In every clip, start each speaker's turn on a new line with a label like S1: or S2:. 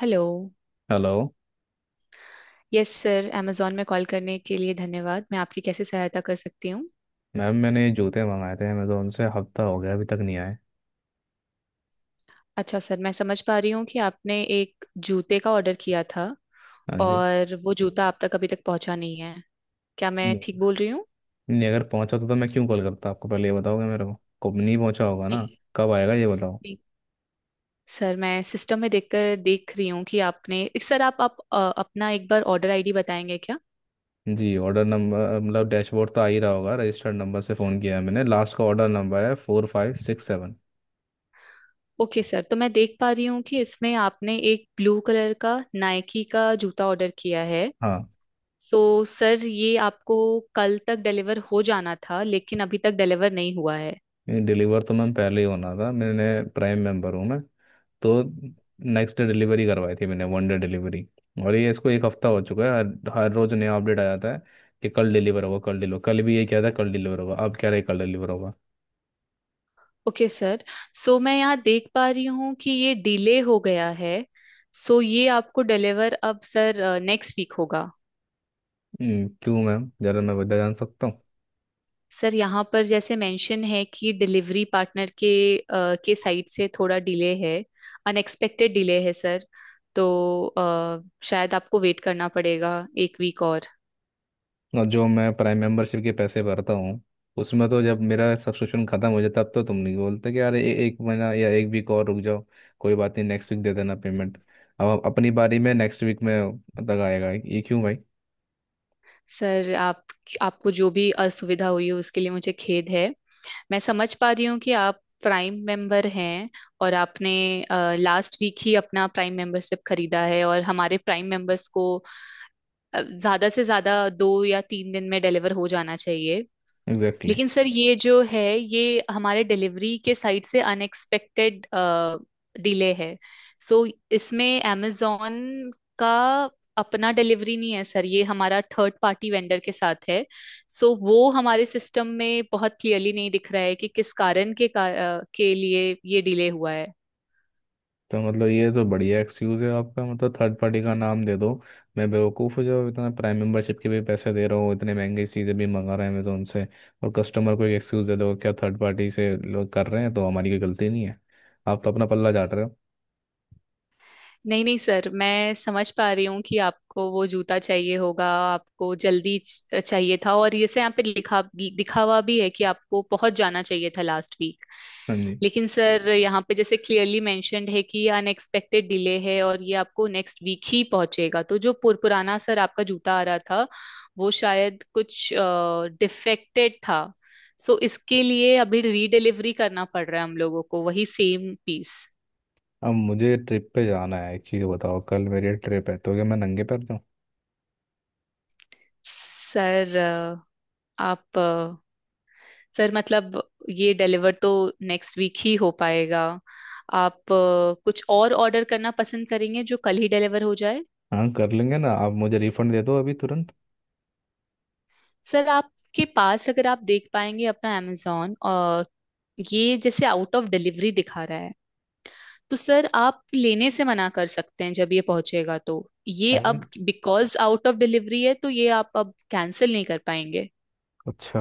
S1: Hello.
S2: Hello.
S1: Yes sir, Amazon में call करने के लिए धन्यवाद। मैं आपकी कैसे सहायता कर सकती हूँ।
S2: मैम, मैंने ये जूते मंगाए थे अमेजोन से, हफ्ता हो गया अभी तक नहीं आए।
S1: अच्छा सर, मैं समझ पा रही हूँ कि आपने एक जूते का ऑर्डर किया था
S2: हाँ जी।
S1: और वो जूता आप तक अभी तक पहुँचा नहीं है। क्या मैं
S2: नहीं।
S1: ठीक बोल रही हूँ।
S2: नहीं, अगर पहुंचा तो मैं क्यों कॉल करता आपको? पहले ये बताओगे मेरे को कब नहीं पहुंचा होगा ना।
S1: नहीं,
S2: कब आएगा ये बताओ।
S1: नहीं। सर मैं सिस्टम में देखकर देख रही हूँ कि आपने सर आप अपना एक बार ऑर्डर आईडी बताएंगे क्या।
S2: जी, ऑर्डर नंबर मतलब डैशबोर्ड तो आ ही रहा होगा, रजिस्टर्ड नंबर से फ़ोन किया है मैंने। लास्ट का ऑर्डर नंबर है 4567।
S1: ओके सर, तो मैं देख पा रही हूँ कि इसमें आपने एक ब्लू कलर का नाइकी का जूता ऑर्डर किया है।
S2: हाँ।
S1: सो सर, ये आपको कल तक डिलीवर हो जाना था लेकिन अभी तक डिलीवर नहीं हुआ है।
S2: डिलीवर तो मैम पहले ही होना था। मैंने प्राइम मेंबर हूँ मैं, तो नेक्स्ट डे डिलीवरी करवाई थी मैंने, वन डे डिलीवरी। और ये इसको एक हफ्ता हो चुका है, हर हर रोज नया अपडेट आ जाता है कि कल डिलीवर होगा, कल डिलीवर, कल भी ये क्या था, कल डिलीवर होगा, अब कह रहे कल डिलीवर होगा।
S1: ओके सर, सो मैं यहाँ देख पा रही हूँ कि ये डिले हो गया है। सो ये आपको डिलीवर अब सर नेक्स्ट वीक होगा।
S2: क्यों मैम, जरा मैं वजह जान सकता हूँ?
S1: सर यहाँ पर जैसे मेंशन है कि डिलीवरी पार्टनर के साइड से थोड़ा डिले है। अनएक्सपेक्टेड डिले है सर। तो अ, शायद आपको वेट करना पड़ेगा एक वीक और।
S2: और जो मैं प्राइम मेंबरशिप के पैसे भरता हूँ उसमें तो, जब मेरा सब्सक्रिप्शन खत्म हो जाता तब तो तुम नहीं बोलते कि अरे एक महीना या एक वीक और रुक जाओ, कोई बात नहीं, नेक्स्ट वीक दे देना पेमेंट। अब अपनी बारी में नेक्स्ट वीक में तक आएगा ये क्यों भाई?
S1: सर, आप आपको जो भी असुविधा हुई है उसके लिए मुझे खेद है। मैं समझ पा रही हूँ कि आप प्राइम मेंबर हैं और आपने लास्ट वीक ही अपना प्राइम मेंबरशिप खरीदा है, और हमारे प्राइम मेंबर्स को ज्यादा से ज्यादा 2 या 3 दिन में डिलीवर हो जाना चाहिए।
S2: एग्जैक्टली।
S1: लेकिन सर, ये जो है ये हमारे डिलीवरी के साइड से अनएक्सपेक्टेड डिले है। सो इसमें amazon का अपना डिलीवरी नहीं है सर, ये हमारा थर्ड पार्टी वेंडर के साथ है। सो वो हमारे सिस्टम में बहुत क्लियरली नहीं दिख रहा है कि किस कारण के लिए ये डिले हुआ है।
S2: तो मतलब ये तो बढ़िया एक्सक्यूज है आपका, मतलब थर्ड पार्टी का नाम दे दो। मैं बेवकूफ़ हूँ जो इतना प्राइम मेंबरशिप के भी पैसे दे रहा हूँ, इतने महंगी चीज़ें भी मंगा रहे हैं मैं तो उनसे, और कस्टमर को एक एक्सक्यूज़ दे दो क्या, थर्ड पार्टी से लोग कर रहे हैं तो हमारी कोई गलती नहीं है। आप तो अपना पल्ला झाड़ रहे हो।
S1: नहीं, नहीं सर, मैं समझ पा रही हूँ कि आपको वो जूता चाहिए होगा। आपको जल्दी चाहिए था, और ये से यहाँ पे लिखा दिखा हुआ भी है कि आपको पहुंच जाना चाहिए था लास्ट वीक।
S2: हाँ जी।
S1: लेकिन सर यहाँ पे जैसे क्लियरली मेंशन्ड है कि ये अनएक्सपेक्टेड डिले है और ये आपको नेक्स्ट वीक ही पहुंचेगा, तो जो पुराना सर आपका जूता आ रहा था वो शायद कुछ डिफेक्टेड था। सो इसके लिए अभी रीडिलीवरी करना पड़ रहा है हम लोगों को वही सेम पीस।
S2: अब मुझे ट्रिप पे जाना है, एक चीज़ बताओ, कल मेरी ट्रिप है, तो क्या मैं नंगे पैर जाऊँ?
S1: सर, आप अ, सर मतलब ये डिलीवर तो नेक्स्ट वीक ही हो पाएगा। आप कुछ और ऑर्डर करना पसंद करेंगे जो कल ही डिलीवर हो जाए।
S2: हाँ, कर लेंगे ना। आप मुझे रिफंड दे दो अभी तुरंत।
S1: सर आपके पास अगर आप देख पाएंगे अपना अमेजोन, और ये जैसे आउट ऑफ डिलीवरी दिखा रहा है तो सर आप लेने से मना कर सकते हैं जब ये पहुंचेगा तो। ये
S2: अरे।
S1: अब बिकॉज आउट ऑफ डिलीवरी है, तो ये आप अब कैंसिल नहीं कर पाएंगे।
S2: अच्छा,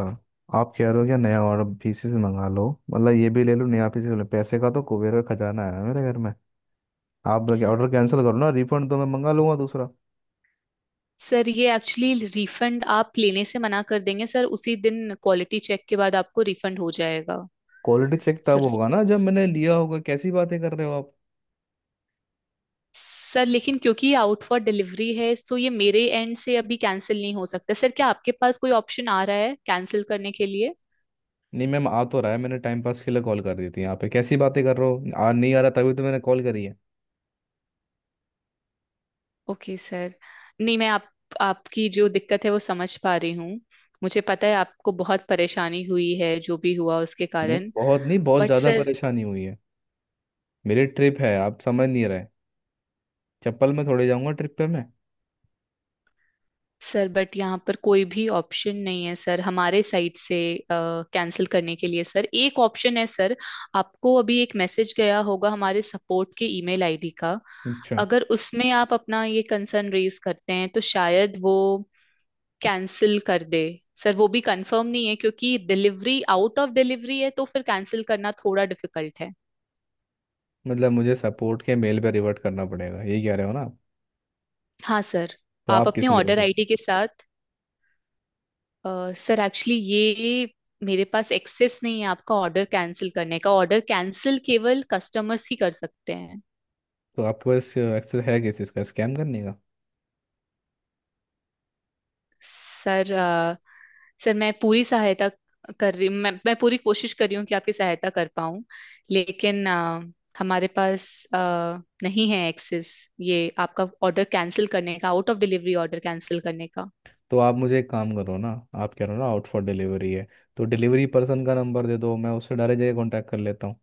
S2: आप कह रहे हो क्या नया और पीसीस मंगा लो, मतलब ये भी ले लो नया पीसीस ले लो, पैसे का तो कुबेर का खजाना है ना मेरे घर में। आप लगे ऑर्डर कैंसिल करो ना, रिफंड तो मैं मंगा लूंगा दूसरा।
S1: सर ये एक्चुअली रिफंड, आप लेने से मना कर देंगे सर उसी दिन, क्वालिटी चेक के बाद आपको रिफंड हो जाएगा।
S2: क्वालिटी चेक तब
S1: सर
S2: होगा ना जब मैंने लिया होगा, कैसी बातें कर रहे हो आप।
S1: सर लेकिन क्योंकि ये आउट फॉर डिलीवरी है सो ये मेरे एंड से अभी कैंसिल नहीं हो सकता सर। क्या आपके पास कोई ऑप्शन आ रहा है कैंसिल करने के लिए।
S2: नहीं मैम, आ तो रहा है, मैंने टाइम पास के लिए कॉल कर दी थी यहाँ पे? कैसी बातें कर रहे हो, आ नहीं आ रहा तभी तो मैंने कॉल करी है।
S1: ओके सर, नहीं मैं आप आपकी जो दिक्कत है वो समझ पा रही हूँ। मुझे पता है आपको बहुत परेशानी हुई है जो भी हुआ उसके
S2: नहीं
S1: कारण।
S2: बहुत नहीं, बहुत
S1: बट
S2: ज़्यादा
S1: सर।
S2: परेशानी हुई है। मेरी ट्रिप है, आप समझ नहीं रहे। चप्पल में थोड़े जाऊंगा ट्रिप पे मैं।
S1: सर बट यहाँ पर कोई भी ऑप्शन नहीं है सर हमारे साइड से कैंसिल करने के लिए। सर एक ऑप्शन है सर। आपको अभी एक मैसेज गया होगा हमारे सपोर्ट के ईमेल आईडी का।
S2: अच्छा।
S1: अगर उसमें आप अपना ये कंसर्न रेज करते हैं तो शायद वो कैंसिल कर दे। सर वो भी कंफर्म नहीं है क्योंकि डिलीवरी आउट ऑफ डिलीवरी है तो फिर कैंसिल करना थोड़ा डिफिकल्ट है।
S2: मतलब मुझे सपोर्ट के मेल पे रिवर्ट करना पड़ेगा ये कह रहे हो ना आप?
S1: हाँ सर,
S2: तो
S1: आप
S2: आप
S1: अपने
S2: किस लिए
S1: ऑर्डर
S2: हो?
S1: आईडी के साथ अ, सर एक्चुअली ये मेरे पास एक्सेस नहीं है आपका ऑर्डर कैंसिल करने का। ऑर्डर कैंसिल केवल कस्टमर्स ही कर सकते हैं।
S2: तो आपके पास एक्सेस है किस चीज़ का, स्कैम करने का?
S1: सर अ, सर, मैं पूरी सहायता कर रही हूँ, मैं पूरी कोशिश कर रही हूँ कि आपकी सहायता कर पाऊँ। लेकिन हमारे पास अ, नहीं है एक्सेस, ये आपका ऑर्डर कैंसिल करने का, out of delivery order cancel करने का।
S2: तो आप मुझे एक काम करो ना, आप कह रहे हो ना आउट फॉर डिलीवरी है, तो डिलीवरी पर्सन का नंबर दे दो, मैं उससे डायरेक्ट जगह कॉन्टैक्ट कर लेता हूँ।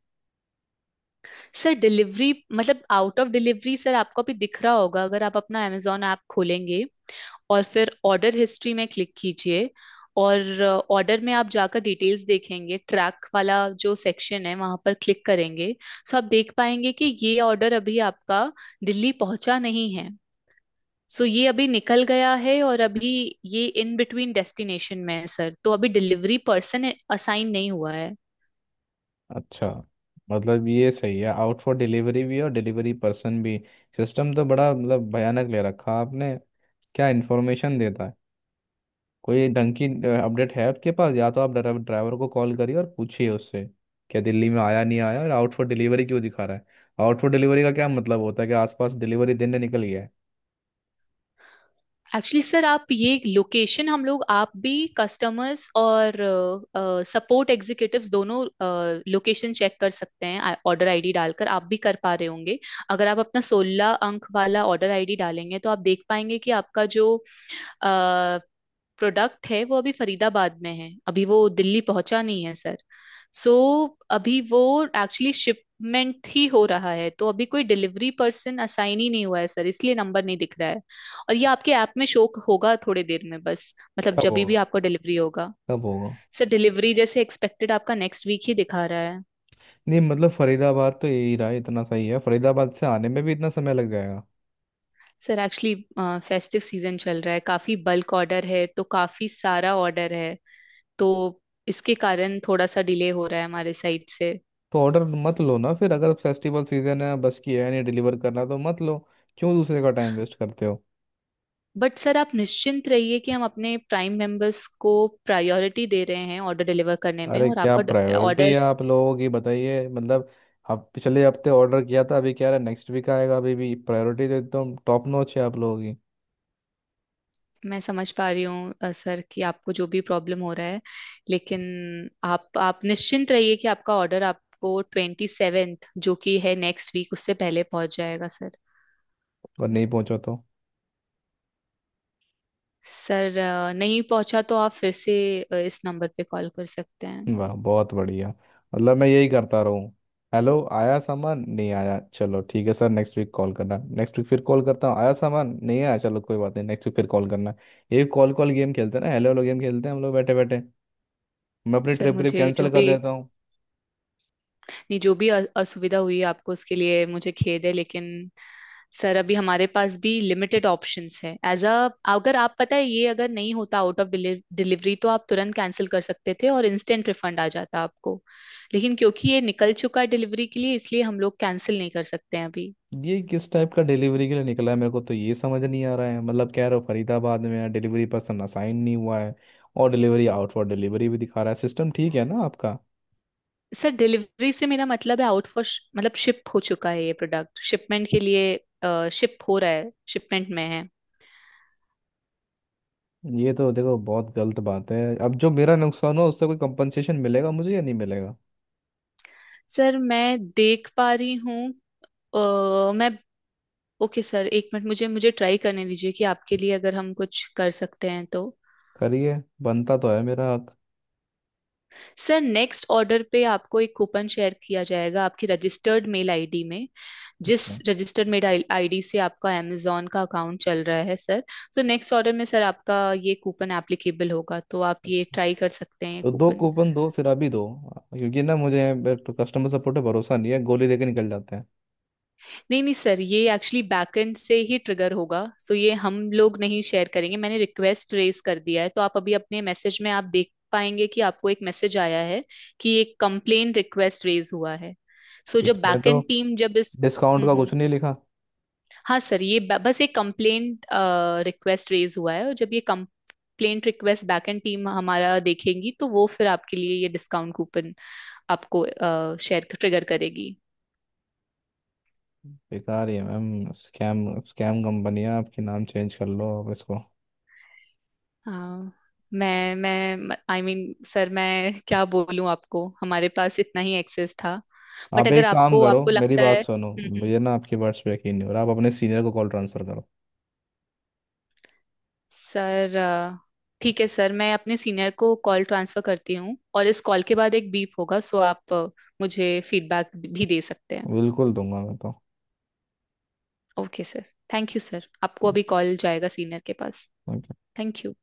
S1: सर डिलीवरी मतलब आउट ऑफ डिलीवरी, सर आपको अभी दिख रहा होगा अगर आप अपना amazon ऐप खोलेंगे, और फिर ऑर्डर हिस्ट्री में क्लिक कीजिए, और ऑर्डर में आप जाकर डिटेल्स देखेंगे, ट्रैक वाला जो सेक्शन है वहां पर क्लिक करेंगे। सो आप देख पाएंगे कि ये ऑर्डर अभी आपका दिल्ली पहुंचा नहीं है, सो ये अभी निकल गया है, और अभी ये इन बिटवीन डेस्टिनेशन में है सर, तो अभी डिलीवरी पर्सन असाइन नहीं हुआ है।
S2: अच्छा, मतलब ये सही है आउट फॉर डिलीवरी भी और डिलीवरी पर्सन भी। सिस्टम तो बड़ा मतलब भयानक ले रखा आपने। क्या इन्फॉर्मेशन देता है, कोई ढंग की अपडेट है आपके पास? या तो आप ड्राइवर को कॉल करिए और पूछिए उससे क्या दिल्ली में आया नहीं आया, और आउट फॉर डिलीवरी क्यों दिखा रहा है? आउट फॉर डिलीवरी का क्या मतलब होता है कि आसपास डिलीवरी दिन निकल गया है।
S1: एक्चुअली सर, आप ये लोकेशन हम लोग आप भी, कस्टमर्स और सपोर्ट एग्जीक्यूटिव्स दोनों, लोकेशन चेक कर सकते हैं ऑर्डर आईडी डालकर। आप भी कर पा रहे होंगे। अगर आप अपना 16 अंक वाला ऑर्डर आईडी डालेंगे तो आप देख पाएंगे कि आपका जो प्रोडक्ट है वो अभी फरीदाबाद में है, अभी वो दिल्ली पहुंचा नहीं है सर। सो अभी वो एक्चुअली शिपमेंट ही हो रहा है तो अभी कोई डिलीवरी पर्सन असाइन ही नहीं हुआ है सर, इसलिए नंबर नहीं दिख रहा है। और ये आपके ऐप में शो होगा थोड़ी देर में, बस मतलब
S2: कब
S1: जब भी
S2: होगा?
S1: आपको डिलीवरी होगा।
S2: कब होगा?
S1: सर डिलीवरी जैसे एक्सपेक्टेड आपका नेक्स्ट वीक ही दिखा रहा है।
S2: नहीं मतलब, फरीदाबाद तो यही रहा, इतना सही है, फरीदाबाद से आने में भी इतना समय लग जाएगा?
S1: सर एक्चुअली फेस्टिव सीजन चल रहा है, काफी बल्क ऑर्डर है, तो काफी सारा ऑर्डर है तो इसके कारण थोड़ा सा डिले हो रहा है हमारे साइड से।
S2: तो ऑर्डर मत लो ना फिर अगर फेस्टिवल सीजन है, बस की है नहीं डिलीवर करना तो मत लो। क्यों दूसरे का टाइम वेस्ट करते हो?
S1: बट सर आप निश्चिंत रहिए कि हम अपने प्राइम मेंबर्स को प्रायोरिटी दे रहे हैं ऑर्डर डिलीवर करने में,
S2: अरे
S1: और
S2: क्या
S1: आपका
S2: प्रायोरिटी
S1: ऑर्डर।
S2: है आप लोगों की, बताइए मतलब। हफ पिछले हफ्ते ऑर्डर किया था, अभी कह रहे नेक्स्ट वीक आएगा, अभी भी प्रायोरिटी तो एकदम टॉप नॉच है आप लोगों की।
S1: मैं समझ पा रही हूँ सर, कि आपको जो भी प्रॉब्लम हो रहा है लेकिन आप निश्चिंत रहिए कि आपका ऑर्डर आपको 27, जो कि है नेक्स्ट वीक, उससे पहले पहुंच जाएगा सर।
S2: और नहीं पहुंचा तो?
S1: सर, नहीं पहुंचा तो आप फिर से इस नंबर पे कॉल कर सकते हैं।
S2: वाह बहुत बढ़िया। मतलब मैं यही करता रहूँ, हेलो आया सामान नहीं आया, चलो ठीक है सर नेक्स्ट वीक कॉल करना, नेक्स्ट वीक फिर कॉल करता हूँ, आया सामान नहीं आया, चलो कोई बात नहीं नेक्स्ट वीक फिर कॉल करना। ये कॉल कॉल गेम खेलते हैं ना, हेलो हेलो गेम खेलते हैं हम लोग बैठे बैठे। मैं अपनी
S1: सर
S2: ट्रिप ट्रिप
S1: मुझे जो
S2: कैंसिल कर
S1: भी
S2: देता हूँ।
S1: नहीं, जो भी असुविधा हुई आपको उसके लिए मुझे खेद है लेकिन। सर अभी हमारे पास भी लिमिटेड ऑप्शंस है एज अ। अगर आप पता है ये अगर नहीं होता आउट ऑफ डिलीवरी, तो आप तुरंत कैंसिल कर सकते थे और इंस्टेंट रिफंड आ जाता आपको। लेकिन क्योंकि ये निकल चुका है डिलीवरी के लिए, इसलिए हम लोग कैंसिल नहीं कर सकते हैं अभी।
S2: ये किस टाइप का डिलीवरी के लिए निकला है, मेरे को तो ये समझ नहीं आ रहा है। मतलब कह रहे हो फरीदाबाद में है, डिलीवरी पर्सन असाइन नहीं हुआ है, और डिलीवरी आउट फॉर डिलीवरी भी दिखा रहा है, सिस्टम ठीक है ना आपका?
S1: सर डिलीवरी से मेरा मतलब है आउट फॉर, मतलब शिप हो चुका है, ये प्रोडक्ट शिपमेंट के लिए शिप हो रहा है, शिपमेंट में है।
S2: ये तो देखो बहुत गलत बात है। अब जो मेरा नुकसान हो उससे कोई कंपनसेशन मिलेगा मुझे या नहीं मिलेगा?
S1: सर मैं देख पा रही हूँ मैं ओके सर, एक मिनट मुझे मुझे ट्राई करने दीजिए कि आपके लिए अगर हम कुछ कर सकते हैं तो।
S2: करिए, बनता तो है मेरा हक।
S1: सर नेक्स्ट ऑर्डर पे आपको एक कूपन शेयर किया जाएगा आपकी रजिस्टर्ड मेल आईडी में। जिस
S2: अच्छा।
S1: रजिस्टर्ड मेल आईडी से आपका amazon का अकाउंट चल रहा है सर। सो नेक्स्ट ऑर्डर में सर आपका ये कूपन एप्लीकेबल होगा, तो आप ये
S2: अच्छा,
S1: ट्राई कर सकते हैं ये
S2: तो दो
S1: कूपन।
S2: कूपन दो फिर, अभी दो, क्योंकि ना मुझे कस्टमर सपोर्ट पे भरोसा नहीं है, गोली देके निकल जाते हैं।
S1: नहीं, नहीं सर, ये एक्चुअली बैकएंड से ही ट्रिगर होगा, सो ये हम लोग नहीं शेयर करेंगे। मैंने रिक्वेस्ट रेज कर दिया है, तो आप अभी अपने मैसेज में आप देख पाएंगे कि आपको एक मैसेज आया है कि एक कंप्लेन रिक्वेस्ट रेज हुआ है। सो जब
S2: इसमें तो
S1: बैकएंड टीम जब इस।
S2: डिस्काउंट
S1: हम्म,
S2: का
S1: हम्म।
S2: कुछ नहीं लिखा।
S1: हाँ सर ये बस एक कंप्लेंट रिक्वेस्ट रेज हुआ है, और जब ये कंप्लेंट रिक्वेस्ट बैकएंड टीम हमारा देखेगी तो वो फिर आपके लिए ये डिस्काउंट कूपन आपको शेयर ट्रिगर करेगी।
S2: बेकार ही है मैम, स्कैम स्कैम कंपनी है आपकी, नाम चेंज कर लो आप इसको।
S1: हाँ, मैं आई मीन सर, मैं क्या बोलूं आपको, हमारे पास इतना ही एक्सेस था। बट
S2: आप
S1: अगर
S2: एक काम
S1: आपको
S2: करो,
S1: आपको
S2: मेरी
S1: लगता
S2: बात
S1: है,
S2: सुनो,
S1: हम्म,
S2: मुझे ना आपकी वर्ड्स पे यकीन नहीं हो रहा, आप अपने सीनियर को कॉल ट्रांसफर करो।
S1: सर, ठीक है सर, मैं अपने सीनियर को कॉल ट्रांसफर करती हूँ, और इस कॉल के बाद एक बीप होगा, सो आप मुझे फीडबैक भी दे सकते हैं।
S2: बिल्कुल दूंगा मैं।
S1: Okay sir. Thank you sir, आपको अभी कॉल जाएगा सीनियर के पास।
S2: तो
S1: थैंक यू।